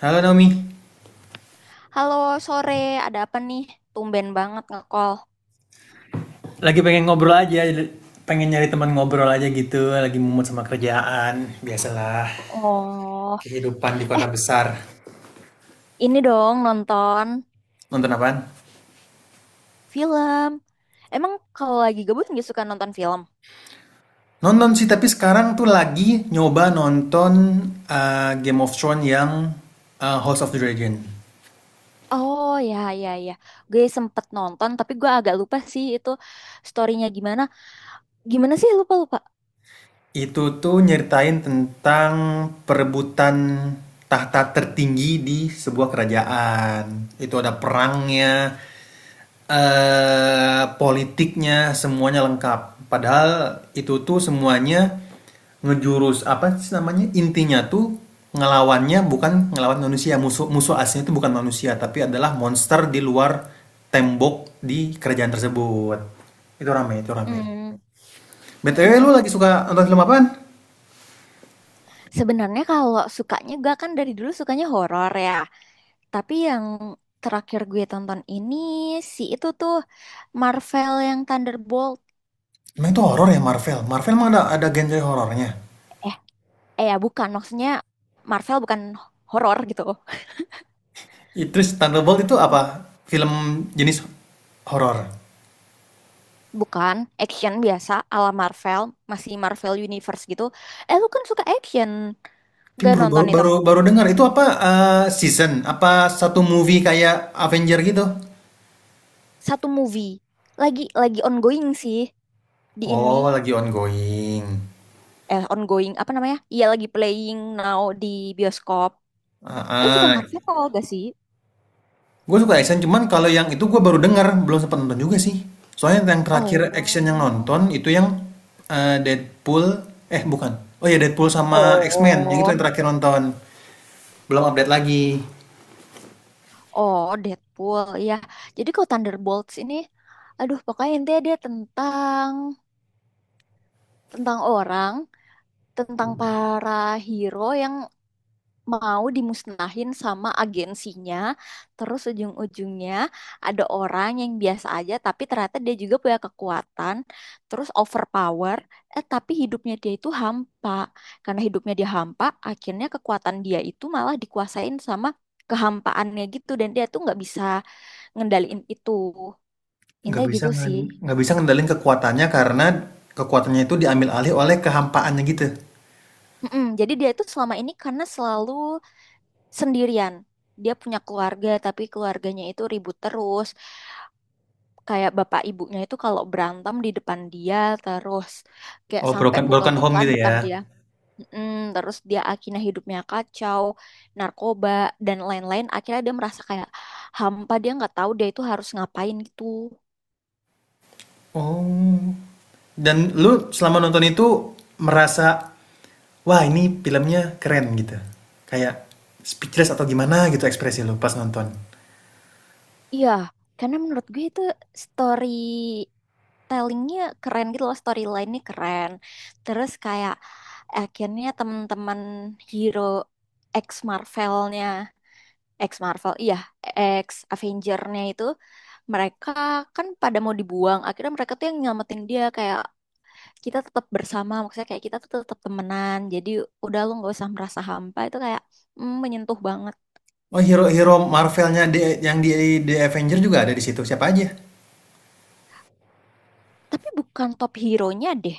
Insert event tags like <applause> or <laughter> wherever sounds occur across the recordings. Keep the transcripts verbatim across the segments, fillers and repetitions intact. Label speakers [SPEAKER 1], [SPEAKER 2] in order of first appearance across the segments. [SPEAKER 1] Halo Naomi,
[SPEAKER 2] Halo, sore. Ada apa nih? Tumben banget nge-call.
[SPEAKER 1] lagi pengen ngobrol aja, pengen nyari teman ngobrol aja gitu, lagi mumet sama kerjaan, biasalah
[SPEAKER 2] Oh,
[SPEAKER 1] kehidupan di
[SPEAKER 2] eh
[SPEAKER 1] kota besar.
[SPEAKER 2] ini dong nonton
[SPEAKER 1] Nonton apaan?
[SPEAKER 2] film. Emang kalau lagi gabut nggak suka nonton film?
[SPEAKER 1] Nonton sih, tapi sekarang tuh lagi nyoba nonton uh, Game of Thrones yang uh, House of the Dragon.
[SPEAKER 2] Oh ya ya ya, gue sempet nonton tapi gue agak lupa sih itu storynya gimana. Gimana sih, lupa lupa.
[SPEAKER 1] Itu tuh nyeritain tentang perebutan tahta tertinggi di sebuah kerajaan. Itu ada perangnya, eh politiknya, semuanya lengkap. Padahal itu tuh semuanya ngejurus apa sih namanya? Intinya tuh ngelawannya bukan ngelawan manusia. Musuh musuh aslinya itu bukan manusia, tapi adalah monster di luar tembok di kerajaan tersebut. Itu rame, itu
[SPEAKER 2] Hmm.
[SPEAKER 1] rame.
[SPEAKER 2] mm,
[SPEAKER 1] B T W
[SPEAKER 2] mm,
[SPEAKER 1] lu
[SPEAKER 2] mm.
[SPEAKER 1] lagi suka nonton film apaan?
[SPEAKER 2] Sebenarnya kalau sukanya gue kan dari dulu sukanya horor ya. Tapi yang terakhir gue tonton ini si itu tuh Marvel yang Thunderbolt.
[SPEAKER 1] Emang itu horor ya Marvel? Marvel emang ada ada genre horornya?
[SPEAKER 2] Eh, eh ya bukan maksudnya Marvel bukan horor gitu.
[SPEAKER 1] I- Terus Thunderbolt itu apa? Film jenis horor?
[SPEAKER 2] Bukan action biasa ala Marvel, masih Marvel Universe gitu. Eh, lu kan suka action,
[SPEAKER 1] Tapi
[SPEAKER 2] gak
[SPEAKER 1] baru baru
[SPEAKER 2] nonton itu?
[SPEAKER 1] baru, baru dengar itu apa eh, season? Apa satu movie kayak Avenger gitu?
[SPEAKER 2] Satu movie, lagi lagi ongoing sih di ini.
[SPEAKER 1] Oh, lagi ongoing.
[SPEAKER 2] Eh, ongoing apa namanya, iya lagi playing now di bioskop. Lu suka
[SPEAKER 1] Ah,
[SPEAKER 2] Marvel gak sih?
[SPEAKER 1] gue suka action, cuman kalau yang itu gue baru dengar, belum sempat nonton juga sih. Soalnya yang terakhir action yang
[SPEAKER 2] Oh.
[SPEAKER 1] nonton itu yang eh, Deadpool, eh bukan. Oh ya Deadpool sama X-Men, yang itu
[SPEAKER 2] Oh,
[SPEAKER 1] yang terakhir nonton. Belum update lagi.
[SPEAKER 2] oh Deadpool ya. Jadi kalau Thunderbolts ini, aduh pokoknya intinya dia tentang, tentang orang tentang para hero yang mau dimusnahin sama agensinya. Terus ujung-ujungnya ada orang yang biasa aja tapi ternyata dia juga punya kekuatan, terus overpower, eh tapi hidupnya dia itu hampa. Karena hidupnya dia hampa, akhirnya kekuatan dia itu malah dikuasain sama kehampaannya gitu, dan dia tuh nggak bisa ngendaliin itu.
[SPEAKER 1] Nggak
[SPEAKER 2] Indah
[SPEAKER 1] bisa
[SPEAKER 2] gitu
[SPEAKER 1] ngan
[SPEAKER 2] sih.
[SPEAKER 1] nggak bisa ngendalin kekuatannya karena kekuatannya itu diambil alih oleh kehampaannya gitu?
[SPEAKER 2] Mm-mm. Jadi dia itu selama ini karena selalu sendirian. Dia punya keluarga, tapi keluarganya itu ribut terus. Kayak bapak ibunya itu kalau berantem di depan dia terus. Kayak
[SPEAKER 1] Oh,
[SPEAKER 2] sampai
[SPEAKER 1] broken broken home
[SPEAKER 2] pukul-pukulan
[SPEAKER 1] gitu
[SPEAKER 2] depan
[SPEAKER 1] ya?
[SPEAKER 2] dia. Mm, terus dia akhirnya hidupnya kacau, narkoba, dan lain-lain. Akhirnya dia merasa kayak hampa, dia nggak tahu dia itu harus ngapain gitu.
[SPEAKER 1] Oh, dan lu selama nonton itu merasa, "Wah, ini filmnya keren," gitu? Kayak speechless atau gimana gitu ekspresi lu pas nonton?
[SPEAKER 2] Iya, karena menurut gue itu story tellingnya keren gitu loh, storyline-nya keren. Terus kayak akhirnya teman-teman hero ex Marvelnya, ex Marvel, iya, ex Avengernya itu, mereka kan pada mau dibuang. Akhirnya mereka tuh yang nyelamatin dia, kayak kita tetap bersama, maksudnya kayak kita tuh tetap temenan, jadi udah lu nggak usah merasa hampa, itu kayak mm, menyentuh banget.
[SPEAKER 1] Oh, hero-hero marvelnya di yang di The Avenger juga ada di situ, siapa aja?
[SPEAKER 2] Tapi bukan top hero-nya deh.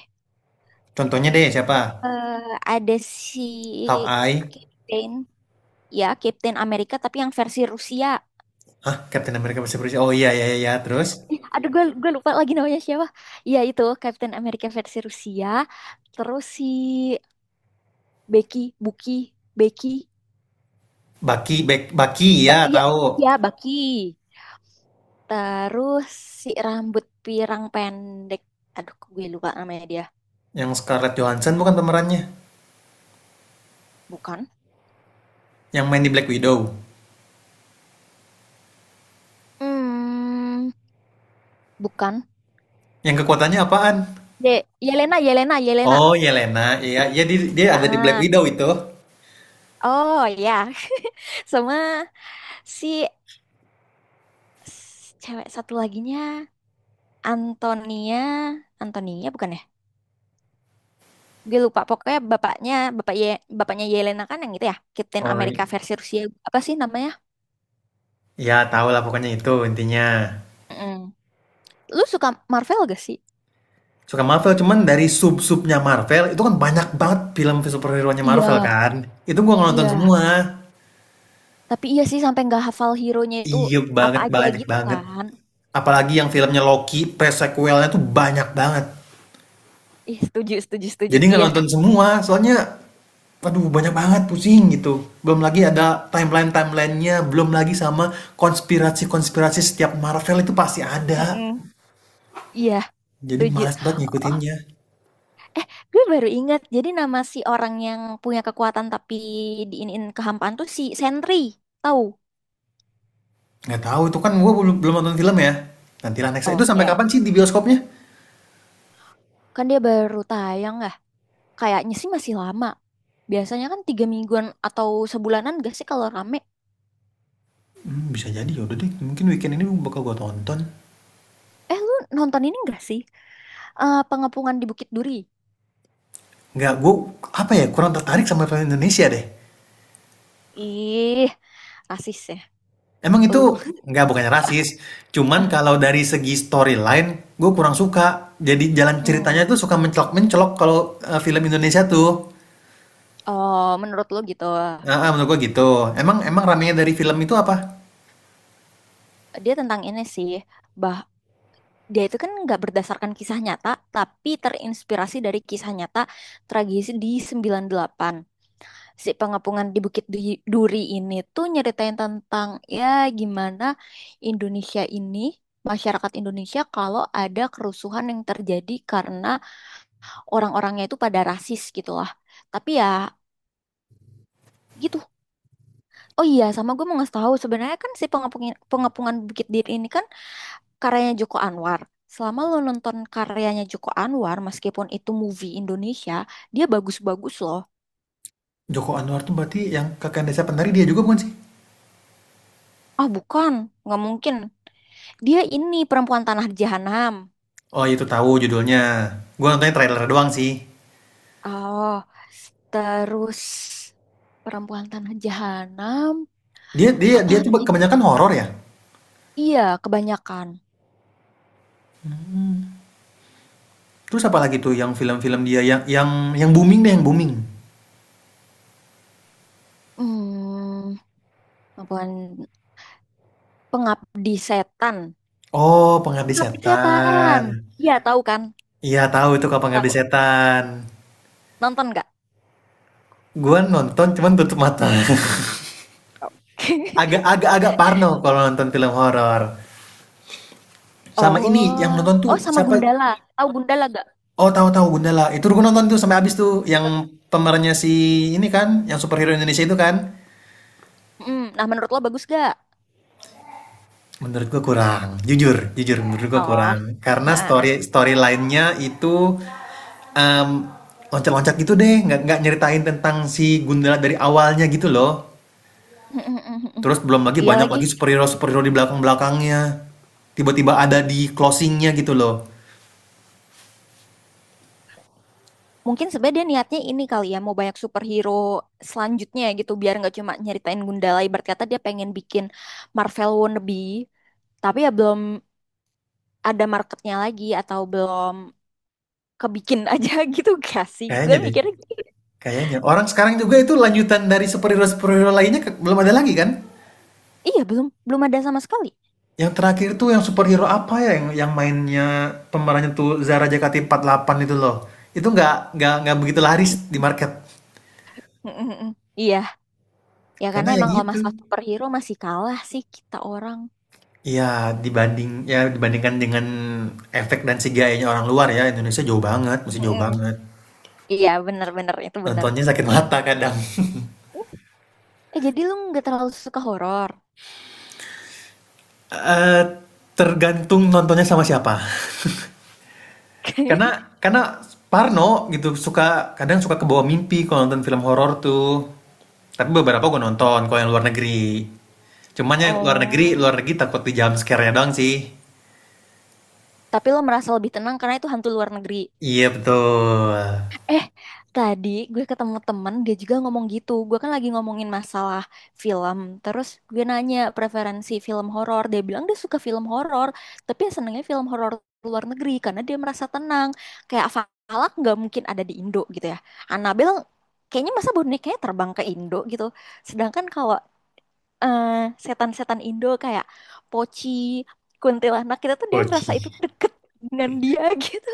[SPEAKER 1] Contohnya deh siapa?
[SPEAKER 2] Eh, ada si
[SPEAKER 1] Hawkeye?
[SPEAKER 2] Kate Bane. Ya, Captain America tapi yang versi Rusia.
[SPEAKER 1] Hah, Captain America bisa berusia oh, iya iya iya, terus?
[SPEAKER 2] Ih, aduh, gue gue lupa lagi namanya siapa. Ya itu Captain America versi Rusia. Terus si Becky, Bucky, Becky,
[SPEAKER 1] Bucky, Bek Bucky, ya
[SPEAKER 2] ba- ya,
[SPEAKER 1] tahu.
[SPEAKER 2] ya Bucky. Terus si rambut pirang pendek, aduh kok gue lupa namanya dia.
[SPEAKER 1] Yang Scarlett Johansson bukan pemerannya?
[SPEAKER 2] Bukan.
[SPEAKER 1] Yang main di Black Widow?
[SPEAKER 2] Hmm, bukan.
[SPEAKER 1] Yang kekuatannya apaan?
[SPEAKER 2] Ye Yelena, Yelena, Yelena.
[SPEAKER 1] Oh, Yelena. Iya, iya dia, dia
[SPEAKER 2] Ah,
[SPEAKER 1] ada di Black Widow
[SPEAKER 2] ah.
[SPEAKER 1] itu.
[SPEAKER 2] Oh ya. <laughs> Sama si s- cewek satu laginya, Antonia, Antonia bukan ya? Gue lupa. Pokoknya bapaknya, bapak Ye, bapaknya Yelena kan yang gitu ya, Captain
[SPEAKER 1] Oh, i-
[SPEAKER 2] America versi Rusia. Apa sih namanya?
[SPEAKER 1] iya tahu lah pokoknya itu intinya.
[SPEAKER 2] Mm. Lu suka Marvel gak sih?
[SPEAKER 1] Suka Marvel, cuman dari sub-subnya Marvel, itu kan banyak banget film superhero-nya Marvel
[SPEAKER 2] Iya,
[SPEAKER 1] kan. Itu gua nonton
[SPEAKER 2] iya.
[SPEAKER 1] semua.
[SPEAKER 2] Tapi iya sih sampai nggak hafal hero-nya itu
[SPEAKER 1] Iya
[SPEAKER 2] apa
[SPEAKER 1] banget,
[SPEAKER 2] aja
[SPEAKER 1] banyak
[SPEAKER 2] gitu
[SPEAKER 1] banget.
[SPEAKER 2] kan?
[SPEAKER 1] Apalagi yang filmnya Loki, pre-sequelnya tuh banyak banget.
[SPEAKER 2] Ih, setuju, setuju, setuju.
[SPEAKER 1] Jadi nggak
[SPEAKER 2] Iya.
[SPEAKER 1] nonton semua, soalnya aduh banyak banget pusing gitu. Belum lagi ada timeline-timelinenya, belum lagi sama konspirasi-konspirasi setiap Marvel itu pasti ada.
[SPEAKER 2] Mm-mm. Iya,
[SPEAKER 1] Jadi
[SPEAKER 2] setuju.
[SPEAKER 1] malas banget
[SPEAKER 2] Oh,
[SPEAKER 1] ngikutinnya.
[SPEAKER 2] eh, gue baru ingat. Jadi nama si orang yang punya kekuatan tapi diinin kehampaan tuh si Sentry. Tahu?
[SPEAKER 1] Nggak tahu itu kan gue belum belum nonton film ya. Nanti next itu
[SPEAKER 2] Oh,
[SPEAKER 1] sampai
[SPEAKER 2] ya.
[SPEAKER 1] kapan sih di bioskopnya?
[SPEAKER 2] Kan dia baru tayang ya. Kayaknya sih masih lama. Biasanya kan tiga mingguan atau sebulanan gak sih kalau rame?
[SPEAKER 1] Hmm, bisa jadi ya udah deh. Mungkin weekend ini bakal gue tonton.
[SPEAKER 2] Eh, lu nonton ini gak sih? Eh, Pengepungan di Bukit Duri.
[SPEAKER 1] Nggak gue apa ya kurang tertarik sama film Indonesia deh.
[SPEAKER 2] Ih, rasis ya.
[SPEAKER 1] Emang itu
[SPEAKER 2] Lu.
[SPEAKER 1] nggak bukannya rasis, cuman
[SPEAKER 2] <laughs>
[SPEAKER 1] kalau dari segi storyline gue kurang suka. Jadi jalan ceritanya tuh
[SPEAKER 2] Hmm.
[SPEAKER 1] suka mencelok-mencelok kalau eh, film Indonesia tuh.
[SPEAKER 2] Oh, menurut lo gitu.
[SPEAKER 1] Nah, ah, menurut gue gitu. Emang emang ramenya dari film itu apa?
[SPEAKER 2] Dia tentang ini sih, bah, dia itu kan nggak berdasarkan kisah nyata, tapi terinspirasi dari kisah nyata, tragedi di sembilan puluh delapan. Si Pengapungan di Bukit Du- Duri ini tuh nyeritain tentang ya gimana Indonesia ini, masyarakat Indonesia kalau ada kerusuhan yang terjadi karena orang-orangnya itu pada rasis gitu lah. Tapi ya gitu. Oh iya, sama gue mau ngasih tahu sebenarnya kan si pengapungan pengapungan Bukit Duri ini kan karyanya Joko Anwar. Selama lo nonton karyanya Joko Anwar, meskipun itu movie Indonesia, dia bagus-bagus loh.
[SPEAKER 1] Joko Anwar tuh berarti yang kakak desa penari dia juga bukan sih?
[SPEAKER 2] Ah bukan, nggak mungkin. Dia ini Perempuan Tanah Jahanam.
[SPEAKER 1] Oh itu tahu judulnya. Gue nontonnya trailer doang sih.
[SPEAKER 2] Oh, terus Perempuan Tanah Jahanam,
[SPEAKER 1] Dia dia dia tuh
[SPEAKER 2] apalagi?
[SPEAKER 1] kebanyakan horor ya.
[SPEAKER 2] Iya, kebanyakan.
[SPEAKER 1] Hmm. Terus apa lagi tuh yang film-film dia yang yang yang booming deh yang booming.
[SPEAKER 2] Hmm, Perempuan, Pengabdi Setan.
[SPEAKER 1] Oh, Pengabdi
[SPEAKER 2] Pengabdi Setan.
[SPEAKER 1] Setan.
[SPEAKER 2] Iya, tahu kan?
[SPEAKER 1] Iya, tahu itu kalau Pengabdi
[SPEAKER 2] Tahu.
[SPEAKER 1] Setan.
[SPEAKER 2] Nonton nggak?
[SPEAKER 1] Gua nonton cuman tutup mata. <laughs>
[SPEAKER 2] Tahu. <laughs>
[SPEAKER 1] Agak-agak-agak parno kalau nonton film horor. Sama ini yang
[SPEAKER 2] Oh,
[SPEAKER 1] nonton tuh
[SPEAKER 2] oh sama
[SPEAKER 1] siapa?
[SPEAKER 2] Gundala. Tahu Gundala gak?
[SPEAKER 1] Oh, tahu-tahu Gundala. Itu gua nonton tuh sampai habis tuh yang
[SPEAKER 2] Gitu.
[SPEAKER 1] pemerannya si ini kan, yang superhero Indonesia itu kan.
[SPEAKER 2] Mm. Nah, menurut lo bagus gak?
[SPEAKER 1] Menurut gua kurang, jujur, jujur menurut
[SPEAKER 2] Oh,
[SPEAKER 1] gua kurang.
[SPEAKER 2] ah,
[SPEAKER 1] Karena
[SPEAKER 2] ah,
[SPEAKER 1] story
[SPEAKER 2] ah.
[SPEAKER 1] story lainnya itu em, loncat-loncat gitu deh, nggak nggak nyeritain tentang si Gundala dari awalnya gitu loh.
[SPEAKER 2] Mm, mm, mm, mm.
[SPEAKER 1] Terus belum lagi
[SPEAKER 2] <laughs> Iya
[SPEAKER 1] banyak
[SPEAKER 2] lagi.
[SPEAKER 1] lagi superhero superhero di belakang belakangnya. Tiba-tiba ada di closingnya gitu loh.
[SPEAKER 2] Mungkin sebenarnya dia niatnya ini kali ya, mau banyak superhero selanjutnya gitu, biar nggak cuma nyeritain Gundala. Ibarat kata dia pengen bikin Marvel wannabe, tapi ya belum ada marketnya lagi atau belum kebikin aja <laughs> gitu gak sih? Gue
[SPEAKER 1] Kayaknya deh,
[SPEAKER 2] mikirnya gitu.
[SPEAKER 1] kayaknya. Orang sekarang juga itu lanjutan dari superhero-superhero lainnya ke- belum ada lagi kan?
[SPEAKER 2] Iya, belum belum ada sama sekali.
[SPEAKER 1] Yang terakhir tuh yang superhero apa ya yang yang mainnya pemerannya tuh Zara Jakati empat puluh delapan itu loh. Itu nggak nggak nggak begitu laris di market.
[SPEAKER 2] Mm-mm-mm. Iya, ya karena
[SPEAKER 1] Karena ya
[SPEAKER 2] emang kalau
[SPEAKER 1] gitu.
[SPEAKER 2] masalah superhero masih kalah sih kita orang.
[SPEAKER 1] Iya, dibanding ya dibandingkan dengan efek dan C G I-nya orang luar ya, Indonesia jauh banget, masih jauh
[SPEAKER 2] Mm-mm.
[SPEAKER 1] banget.
[SPEAKER 2] Iya, bener-bener itu bener.
[SPEAKER 1] Nontonnya sakit mata kadang. <laughs>
[SPEAKER 2] Eh, jadi lu nggak terlalu suka horor?
[SPEAKER 1] Eh, tergantung nontonnya sama siapa. Karena karena parno gitu suka kadang suka kebawa mimpi kalau nonton film horor tuh. Tapi beberapa gue nonton kalau yang luar negeri. Cuman
[SPEAKER 2] <laughs>
[SPEAKER 1] yang luar negeri,
[SPEAKER 2] Oh.
[SPEAKER 1] luar negeri takut di jump scare-nya doang sih.
[SPEAKER 2] Tapi lo merasa lebih tenang karena itu hantu luar negeri.
[SPEAKER 1] Iya betul.
[SPEAKER 2] Eh, tadi gue ketemu temen, dia juga ngomong gitu. Gue kan lagi ngomongin masalah film. Terus gue nanya preferensi film horor. Dia bilang dia suka film horor, tapi yang senengnya film horor luar negeri karena dia merasa tenang. Kayak Valak nggak mungkin ada di Indo gitu ya. Annabelle kayaknya masa bonekanya terbang ke Indo gitu. Sedangkan kalau eh, setan-setan Indo kayak Pochi, Kuntilanak, kita tuh dia merasa itu
[SPEAKER 1] Oci.
[SPEAKER 2] deket dengan dia <laughs> gitu.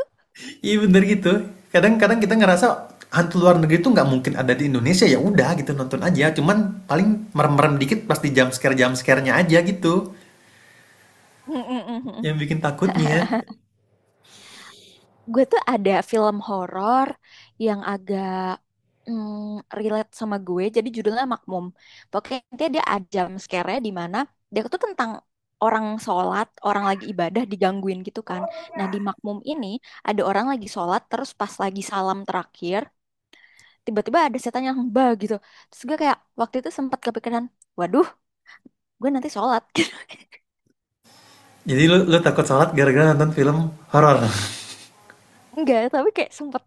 [SPEAKER 1] Iya bener gitu. Kadang-kadang kita ngerasa hantu luar negeri itu nggak mungkin ada di Indonesia ya udah gitu nonton aja. Cuman paling merem-merem dikit pasti jump scare jump scare-nya aja gitu
[SPEAKER 2] Mm, mm, mm,
[SPEAKER 1] yang bikin takutnya.
[SPEAKER 2] mm. <laughs> Gue tuh ada film horor yang agak mm, relate sama gue, jadi judulnya Makmum. Pokoknya intinya dia ada jump scare-nya di mana dia tuh tentang orang sholat, orang lagi ibadah digangguin gitu kan. Nah di Makmum ini ada orang lagi sholat, terus pas lagi salam terakhir, tiba-tiba ada setan yang bah gitu. Terus gue kayak waktu itu sempat kepikiran, waduh, gue nanti sholat. <laughs>
[SPEAKER 1] Jadi lu, lu takut salat gara-gara nonton film horor. <laughs>
[SPEAKER 2] Enggak, tapi kayak sempet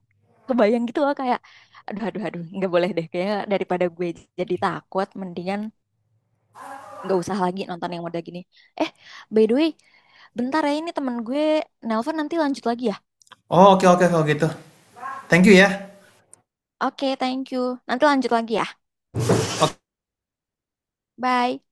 [SPEAKER 2] kebayang gitu loh kayak aduh aduh aduh nggak boleh deh kayaknya, daripada gue jadi takut mendingan nggak usah lagi nonton yang udah gini. Eh, by the way, bentar ya, ini temen gue nelpon nanti lanjut lagi ya.
[SPEAKER 1] Oh, oke oke kalau gitu. Thank you ya.
[SPEAKER 2] Oke, thank you. Nanti lanjut lagi ya. Bye.